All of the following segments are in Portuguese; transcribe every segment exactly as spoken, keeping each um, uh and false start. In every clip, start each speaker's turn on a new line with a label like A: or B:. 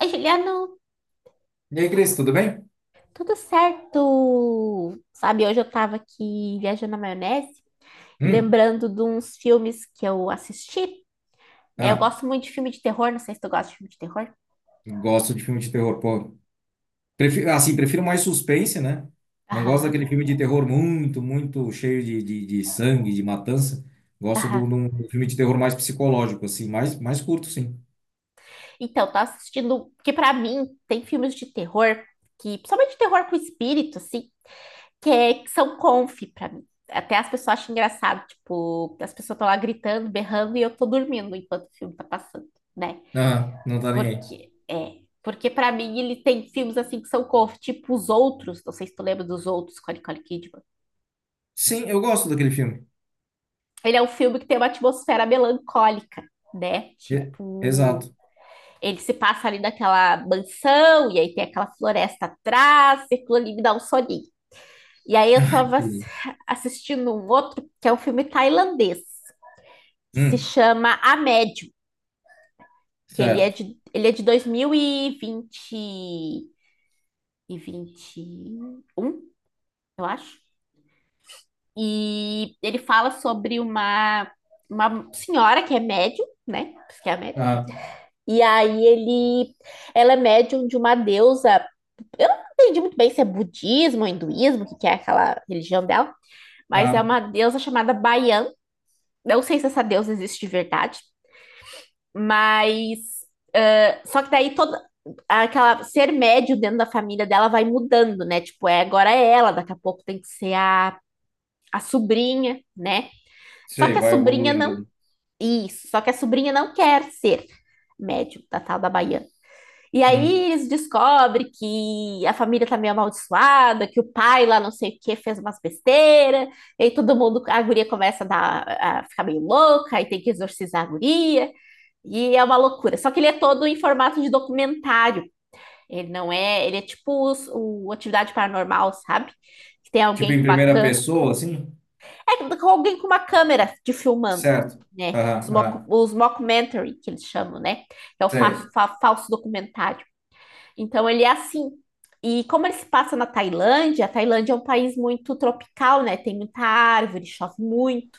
A: Aí, Juliano,
B: E aí, Cris, tudo bem?
A: tudo certo? Sabe, hoje eu tava aqui viajando na maionese e
B: Hum.
A: lembrando de uns filmes que eu assisti, né? Eu
B: Ah,
A: gosto muito de filme de terror, não sei se tu gosta de filme de terror.
B: gosto de filme de terror, pô. Prefiro, assim, prefiro mais suspense, né? Não gosto
A: Aham,
B: daquele filme de terror muito, muito cheio de, de, de sangue, de matança. Gosto
A: aham.
B: do, do, do filme de terror mais psicológico, assim, mais, mais curto, sim.
A: Então, tô assistindo, que pra mim tem filmes de terror, que principalmente terror com espírito, assim, que, é- que são conf pra mim. Até as pessoas acham engraçado, tipo, as pessoas estão lá gritando, berrando e eu tô dormindo enquanto o filme tá passando, né?
B: Ah, não tá nem aí.
A: Porque é, porque para mim ele tem filmes assim que são cofre, tipo Os Outros, não sei se tu lembra dos Outros, com a Nicole Kidman.
B: Sim, eu gosto daquele filme.
A: Ele é um filme que tem uma atmosfera melancólica, né?
B: E-
A: Tipo,
B: Exato.
A: ele se passa ali naquela mansão e aí tem aquela floresta atrás, e aquilo ali me dá um soninho. E aí eu tava ass-
B: Entendi.
A: Assistindo um outro, que é um filme tailandês, que se
B: Hum,
A: chama A Médium, que ele é
B: certo.
A: de, ele é de dois mil e vinte e vinte e um, eu acho. E ele fala sobre uma, uma senhora que é médium, né? Que é médium.
B: Ah,
A: E aí ele, ela é médium de uma deusa. Eu não entendi muito bem se é budismo ou hinduísmo, que que é aquela religião dela, mas é
B: ah,
A: uma deusa chamada Baian. Não sei se essa deusa existe de verdade, mas ah, só que daí toda aquela ser médio dentro da família dela vai mudando, né? Tipo, é agora é ela, daqui a pouco tem que ser a, a sobrinha, né? Só
B: sei,
A: que a
B: vai
A: sobrinha não
B: evoluindo.
A: Isso, só que a sobrinha não quer ser médium da tal da Baiana. E
B: Hum.
A: aí eles descobrem que a família tá meio amaldiçoada, que o pai lá não sei o que fez umas besteiras, e aí todo mundo, a guria começa a, dar, a ficar meio louca, aí tem que exorcizar a guria, e é uma loucura. Só que ele é todo em formato de documentário, ele não é, ele é tipo os- o Atividade Paranormal, sabe? Que tem
B: Tipo
A: alguém
B: em
A: com uma
B: primeira
A: cã
B: pessoa, assim?
A: É com alguém com uma câmera te filmando,
B: Certo.
A: né?
B: Ah,
A: Os, mock,
B: ah,
A: os mockumentary, que eles chamam, né? É o fa-
B: sei.
A: fa- falso documentário. Então, ele é assim. E como ele se passa na Tailândia, a Tailândia é um país muito tropical, né? Tem muita árvore, chove muito.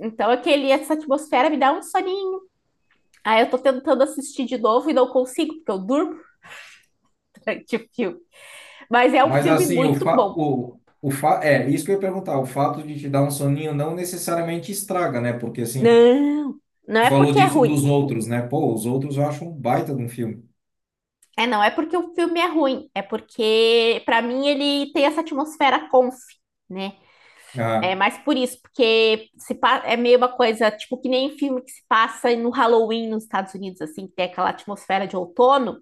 A: Então, aquele, essa atmosfera me dá um soninho. Aí eu tô tentando assistir de novo e não consigo, porque eu durmo durante o filme. Mas é um
B: Mas
A: filme
B: assim, o
A: muito
B: fa...
A: bom.
B: o, o fa... é isso que eu ia perguntar. O fato de te dar um soninho não necessariamente estraga, né? Porque assim,
A: Não, não
B: tu
A: é
B: falou
A: porque é
B: disso
A: ruim.
B: dos outros, né? Pô, os outros eu acho um baita de um filme.
A: É, não é porque o filme é ruim, é porque, pra mim, ele tem essa atmosfera conf, né? É
B: Ah,
A: mais por isso, porque se pa- é meio uma coisa, tipo, que nem filme que se passa no Halloween nos Estados Unidos, assim, que tem aquela atmosfera de outono,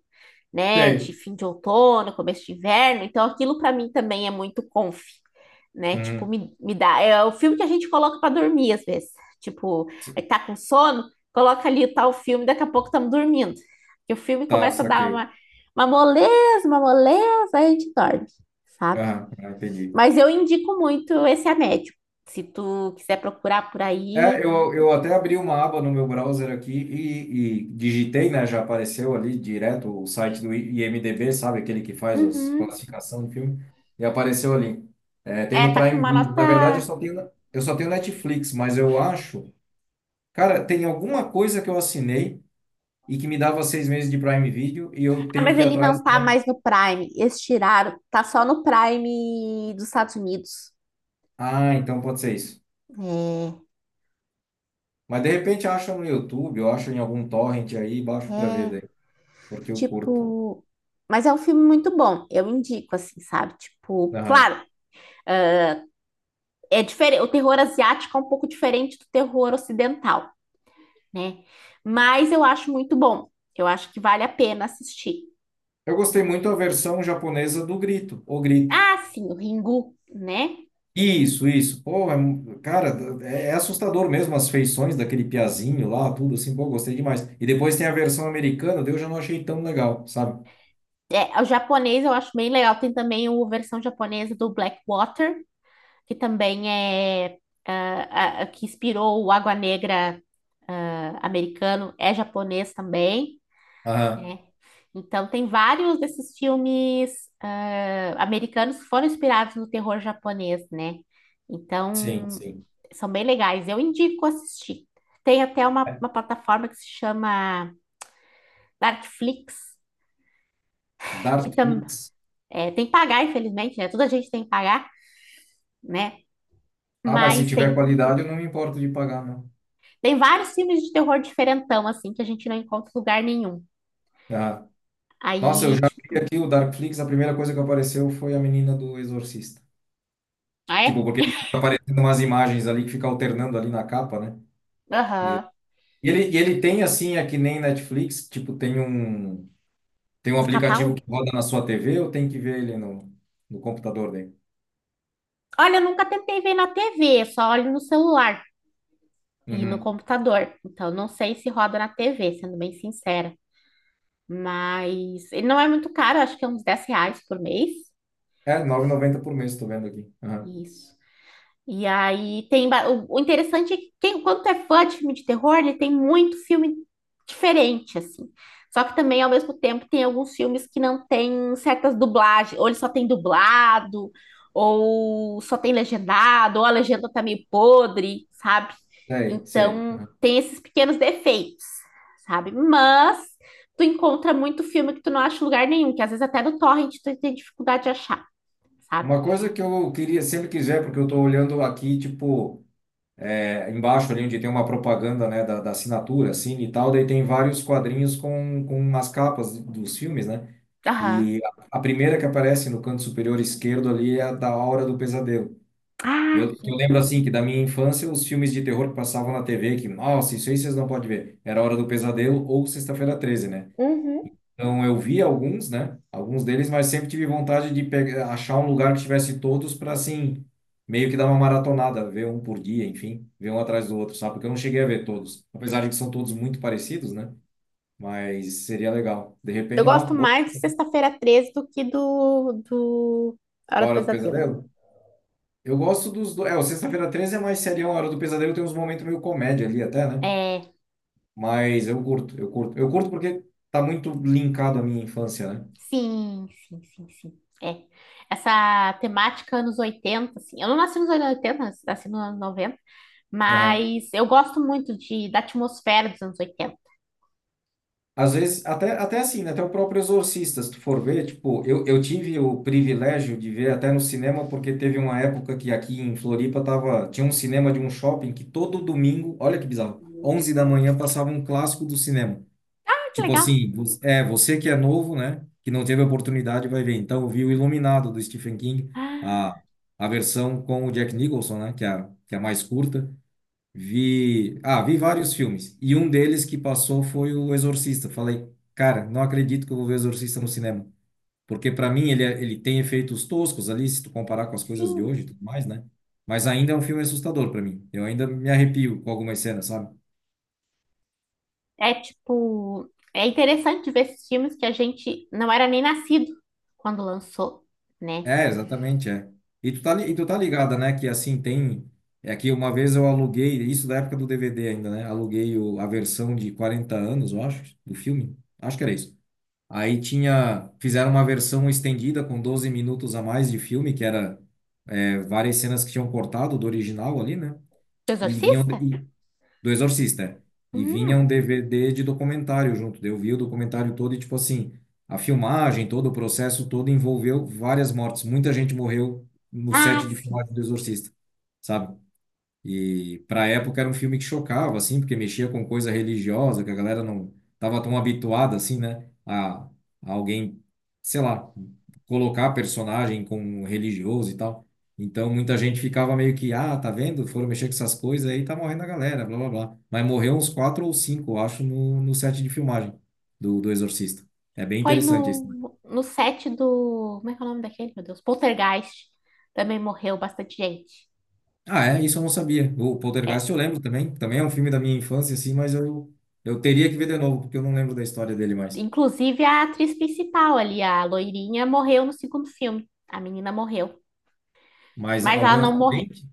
A: né, de
B: sei.
A: fim de outono, começo de inverno. Então, aquilo para mim também é muito comfy, né? Tipo,
B: Uhum.
A: me, me dá. É o filme que a gente coloca para dormir às vezes. Tipo, aí tá com sono, coloca ali o tal filme, daqui a pouco estamos dormindo. E o filme
B: Tá,
A: começa a dar
B: saquei.
A: uma, uma moleza, uma moleza, aí a gente dorme, sabe?
B: Ah, ah, entendi.
A: Mas eu indico muito esse A Médium. Se tu quiser procurar por
B: É,
A: aí,
B: eu, eu até abri uma aba no meu browser aqui e, e digitei, né? Já apareceu ali direto o site do I- IMDb, sabe? Aquele que faz as
A: uhum.
B: classificação de filme. E apareceu ali. É, tem
A: É,
B: no
A: tá com
B: Prime
A: uma
B: Video. Na verdade, eu
A: nota.
B: só tenho, eu só tenho Netflix, mas eu acho. Cara, tem alguma coisa que eu assinei e que me dava seis meses de Prime Video e eu
A: Ah,
B: tenho
A: mas
B: que ir
A: ele
B: atrás,
A: não tá
B: né?
A: mais no Prime. Eles tiraram. Tá só no Prime dos Estados Unidos.
B: Ah, então pode ser isso. Mas de repente acho no YouTube, eu acho em algum torrent aí,
A: É,
B: baixo pra ver
A: é.
B: daí, porque eu curto.
A: Tipo. Mas é um filme muito bom. Eu indico, assim, sabe? Tipo, claro, é diferente. O terror asiático é um pouco diferente do terror ocidental, né? Mas eu acho muito bom. Eu acho que vale a pena assistir.
B: Eu gostei muito da
A: E-
B: versão japonesa do Grito, O Grito.
A: Ah, sim, o Ringu, né?
B: Isso, isso. Pô, é mu- cara, é, é assustador mesmo as feições daquele piazinho lá, tudo assim. Pô, gostei demais. E depois tem a versão americana, daí eu já não achei tão legal, sabe?
A: É, o japonês eu acho bem legal. Tem também a versão japonesa do Blackwater, que também é ah, ah, que inspirou o Água Negra, ah, americano, é japonês também,
B: Aham,
A: né? Então tem vários desses filmes ah, americanos que foram inspirados no terror japonês, né?
B: sim,
A: Então
B: sim.
A: são bem legais, eu indico assistir. Tem até uma, uma plataforma que se chama Darkflix, que tam,
B: Darkflix.
A: é, tem que pagar, infelizmente, né? Toda gente tem que pagar, né?
B: Ah, mas se
A: Mas
B: tiver
A: tem.
B: qualidade, eu não me importo de pagar, não.
A: Tem vários filmes de terror diferentão, assim, que a gente não encontra em lugar nenhum.
B: Ah. Nossa, eu
A: Aí,
B: já vi
A: tipo,
B: aqui o Darkflix, a primeira coisa que apareceu foi a menina do Exorcista.
A: ah,
B: Tipo,
A: é?
B: porque fica aparecendo umas imagens ali que fica alternando ali na capa, né? E
A: Aham.
B: E ele, e ele tem assim, é que nem Netflix, tipo, tem um, tem um
A: No
B: aplicativo
A: catálogo?
B: que roda na sua T V ou tem que ver ele no, no computador dele?
A: Olha, eu nunca tentei ver na tê vê, só olho no celular e no
B: Uhum.
A: computador. Então, não sei se roda na tê vê, sendo bem sincera. Mas ele não é muito caro, acho que é uns dez reais por mês.
B: É, nove e noventa por mês, estou vendo aqui. Aham.
A: Isso. E aí tem. ba- O, o interessante é que quem, quando tu é fã de filme de terror, ele tem muito filme diferente, assim. Só que também, ao mesmo tempo, tem alguns filmes que não tem certas dublagens, ou ele só tem dublado, ou só tem legendado, ou a legenda tá meio podre, sabe?
B: Sei, sei.
A: Então
B: Aham.
A: tem esses pequenos defeitos, sabe? Mas tu encontra muito filme que tu não acha em lugar nenhum, que às vezes até no torrent tu tem dificuldade de achar, sabe?
B: Uma coisa que eu queria, sempre quiser, porque eu estou olhando aqui, tipo, é, embaixo ali onde tem uma propaganda, né, da, da assinatura, assim, e tal, daí tem vários quadrinhos com, com as capas dos filmes, né?
A: Aham.
B: E a a primeira que aparece no canto superior esquerdo ali é a da Hora do Pesadelo.
A: Ah,
B: Eu, que eu
A: sim.
B: lembro assim que da minha infância os filmes de terror que passavam na T V, que, nossa, isso aí vocês não podem ver. Era Hora do Pesadelo ou Sexta-feira treze, né?
A: Uhum.
B: Então eu vi alguns, né? Alguns deles, mas sempre tive vontade de pegar, achar um lugar que tivesse todos para assim, meio que dar uma maratonada, ver um por dia, enfim, ver um atrás do outro, sabe? Porque eu não cheguei a ver todos. Apesar de que são todos muito parecidos, né? Mas seria legal. De
A: Eu
B: repente, ó,
A: gosto
B: boa.
A: mais de Sexta-feira Treze do que do, do A Hora do
B: Hora do
A: Pesadelo.
B: Pesadelo. Eu gosto dos dois. É, o Sexta-feira treze é mais serião, a Hora do Pesadelo tem uns momentos meio comédia ali até, né?
A: É,
B: Mas eu curto, eu curto. Eu curto porque tá muito linkado à minha infância, né?
A: sim, sim, sim, sim. É. Essa temática anos oitenta, assim. Eu não nasci nos anos oitenta, nas- nasci nos anos noventa,
B: Aham.
A: mas eu gosto muito de, da atmosfera dos anos oitenta.
B: Às vezes, até, até assim, né? Até o próprio Exorcista, se tu for ver, tipo, eu, eu tive o privilégio de ver até no cinema, porque teve uma época que aqui em Floripa tava, tinha um cinema de um shopping que todo domingo, olha que bizarro, onze da manhã passava um clássico do cinema.
A: Ah, que
B: Tipo
A: legal.
B: assim, vo- é, você que é novo, né? Que não teve oportunidade, vai ver. Então, eu vi o Iluminado do Stephen King,
A: Ah,
B: a, a versão com o Jack Nicholson, né? Que é a, que é a mais curta. Vi, ah, vi vários filmes e um deles que passou foi o Exorcista. Falei, cara, não acredito que eu vou ver Exorcista no cinema, porque para mim ele é- ele tem efeitos toscos ali se tu comparar com as coisas de
A: sim.
B: hoje e tudo mais, né? Mas ainda é um filme assustador para mim. Eu ainda me arrepio com algumas cenas, sabe?
A: É tipo, é interessante ver esses filmes que a gente não era nem nascido quando lançou, né?
B: É, exatamente, é. E tu tá li- e tu tá ligada, né, que assim tem é que uma vez eu aluguei, isso da época do D V D ainda, né? Aluguei o, a versão de quarenta anos, eu acho, do filme. Acho que era isso. Aí tinha, fizeram uma versão estendida com doze minutos a mais de filme, que era é, várias cenas que tinham cortado do original ali, né?
A: O
B: E vinham
A: Exorcista?
B: e, do Exorcista. É. E vinha um
A: Hum.
B: D V D de documentário junto. Daí eu vi o documentário todo e tipo assim, a filmagem, todo o processo todo envolveu várias mortes. Muita gente morreu no set
A: Ah,
B: de
A: sim.
B: filmagem do Exorcista, sabe? E para a época era um filme que chocava, assim, porque mexia com coisa religiosa, que a galera não estava tão habituada, assim, né? A, a alguém, sei lá, colocar personagem com religioso e tal. Então muita gente ficava meio que, ah, tá vendo? Foram mexer com essas coisas aí, tá morrendo a galera, blá blá blá. Mas morreu uns quatro ou cinco, eu acho, no, no, set de filmagem do, do Exorcista. É bem
A: Foi
B: interessante isso.
A: no, no set do. Como é que é o nome daquele, meu Deus? Poltergeist. Também morreu bastante gente.
B: Ah, é, isso eu não sabia. O
A: É,
B: Poltergeist eu lembro também. Também é um filme da minha infância, assim, mas eu, eu teria que ver de novo, porque eu não lembro da história dele mais.
A: inclusive a atriz principal ali, a loirinha, morreu no segundo filme. A menina morreu.
B: Mas
A: Mas ela
B: algum
A: não morreu.
B: acidente?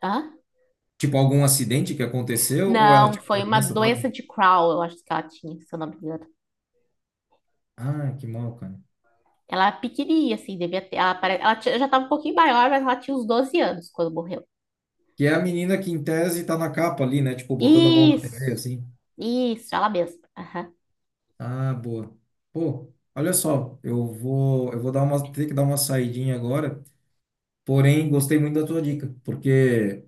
A: Hã?
B: Tipo, algum acidente que aconteceu ou ela
A: Não,
B: tinha
A: foi
B: uma
A: uma
B: doença, sabe?
A: doença de Crohn, eu acho que ela tinha, se eu não me engano.
B: Ah, que mal, cara.
A: Ela é pequenininha, assim, devia ter. Ela, pare- ela tinha- já estava um pouquinho maior, mas ela tinha uns doze anos quando morreu.
B: Que é a menina que, em tese, tá na capa ali, né? Tipo, botando a mão na
A: Isso,
B: T V, assim.
A: isso, ela mesma. Aham.
B: Ah, boa. Pô, olha só, eu vou, eu vou dar uma, ter que dar uma saidinha agora. Porém, gostei muito da tua dica, porque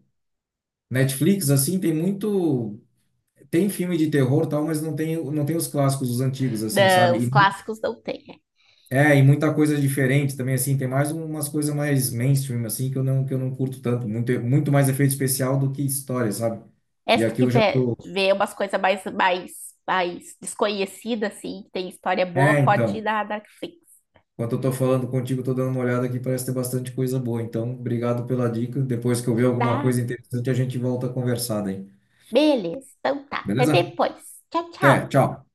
B: Netflix, assim, tem muito. Tem filme de terror, tal, mas não tem, não tem os clássicos, os antigos, assim,
A: Não,
B: sabe?
A: os
B: E, uhum.
A: clássicos não tem.
B: É, e muita coisa diferente também, assim, tem mais umas coisas mais mainstream, assim, que eu não, que eu não curto tanto, muito, muito mais efeito especial do que história, sabe? E
A: Essa
B: aqui
A: que
B: eu já
A: vê,
B: tô...
A: vê umas coisas mais, mais, mais desconhecidas, assim, que tem história
B: É,
A: boa, pode ir
B: então,
A: na Netflix.
B: enquanto eu tô falando contigo, eu tô dando uma olhada aqui, parece ter bastante coisa boa, então, obrigado pela dica, depois que eu ver alguma
A: Tá?
B: coisa interessante, a gente volta a conversar daí,
A: Beleza, então tá. Até
B: beleza?
A: depois. Tchau,
B: Até,
A: tchau.
B: tchau!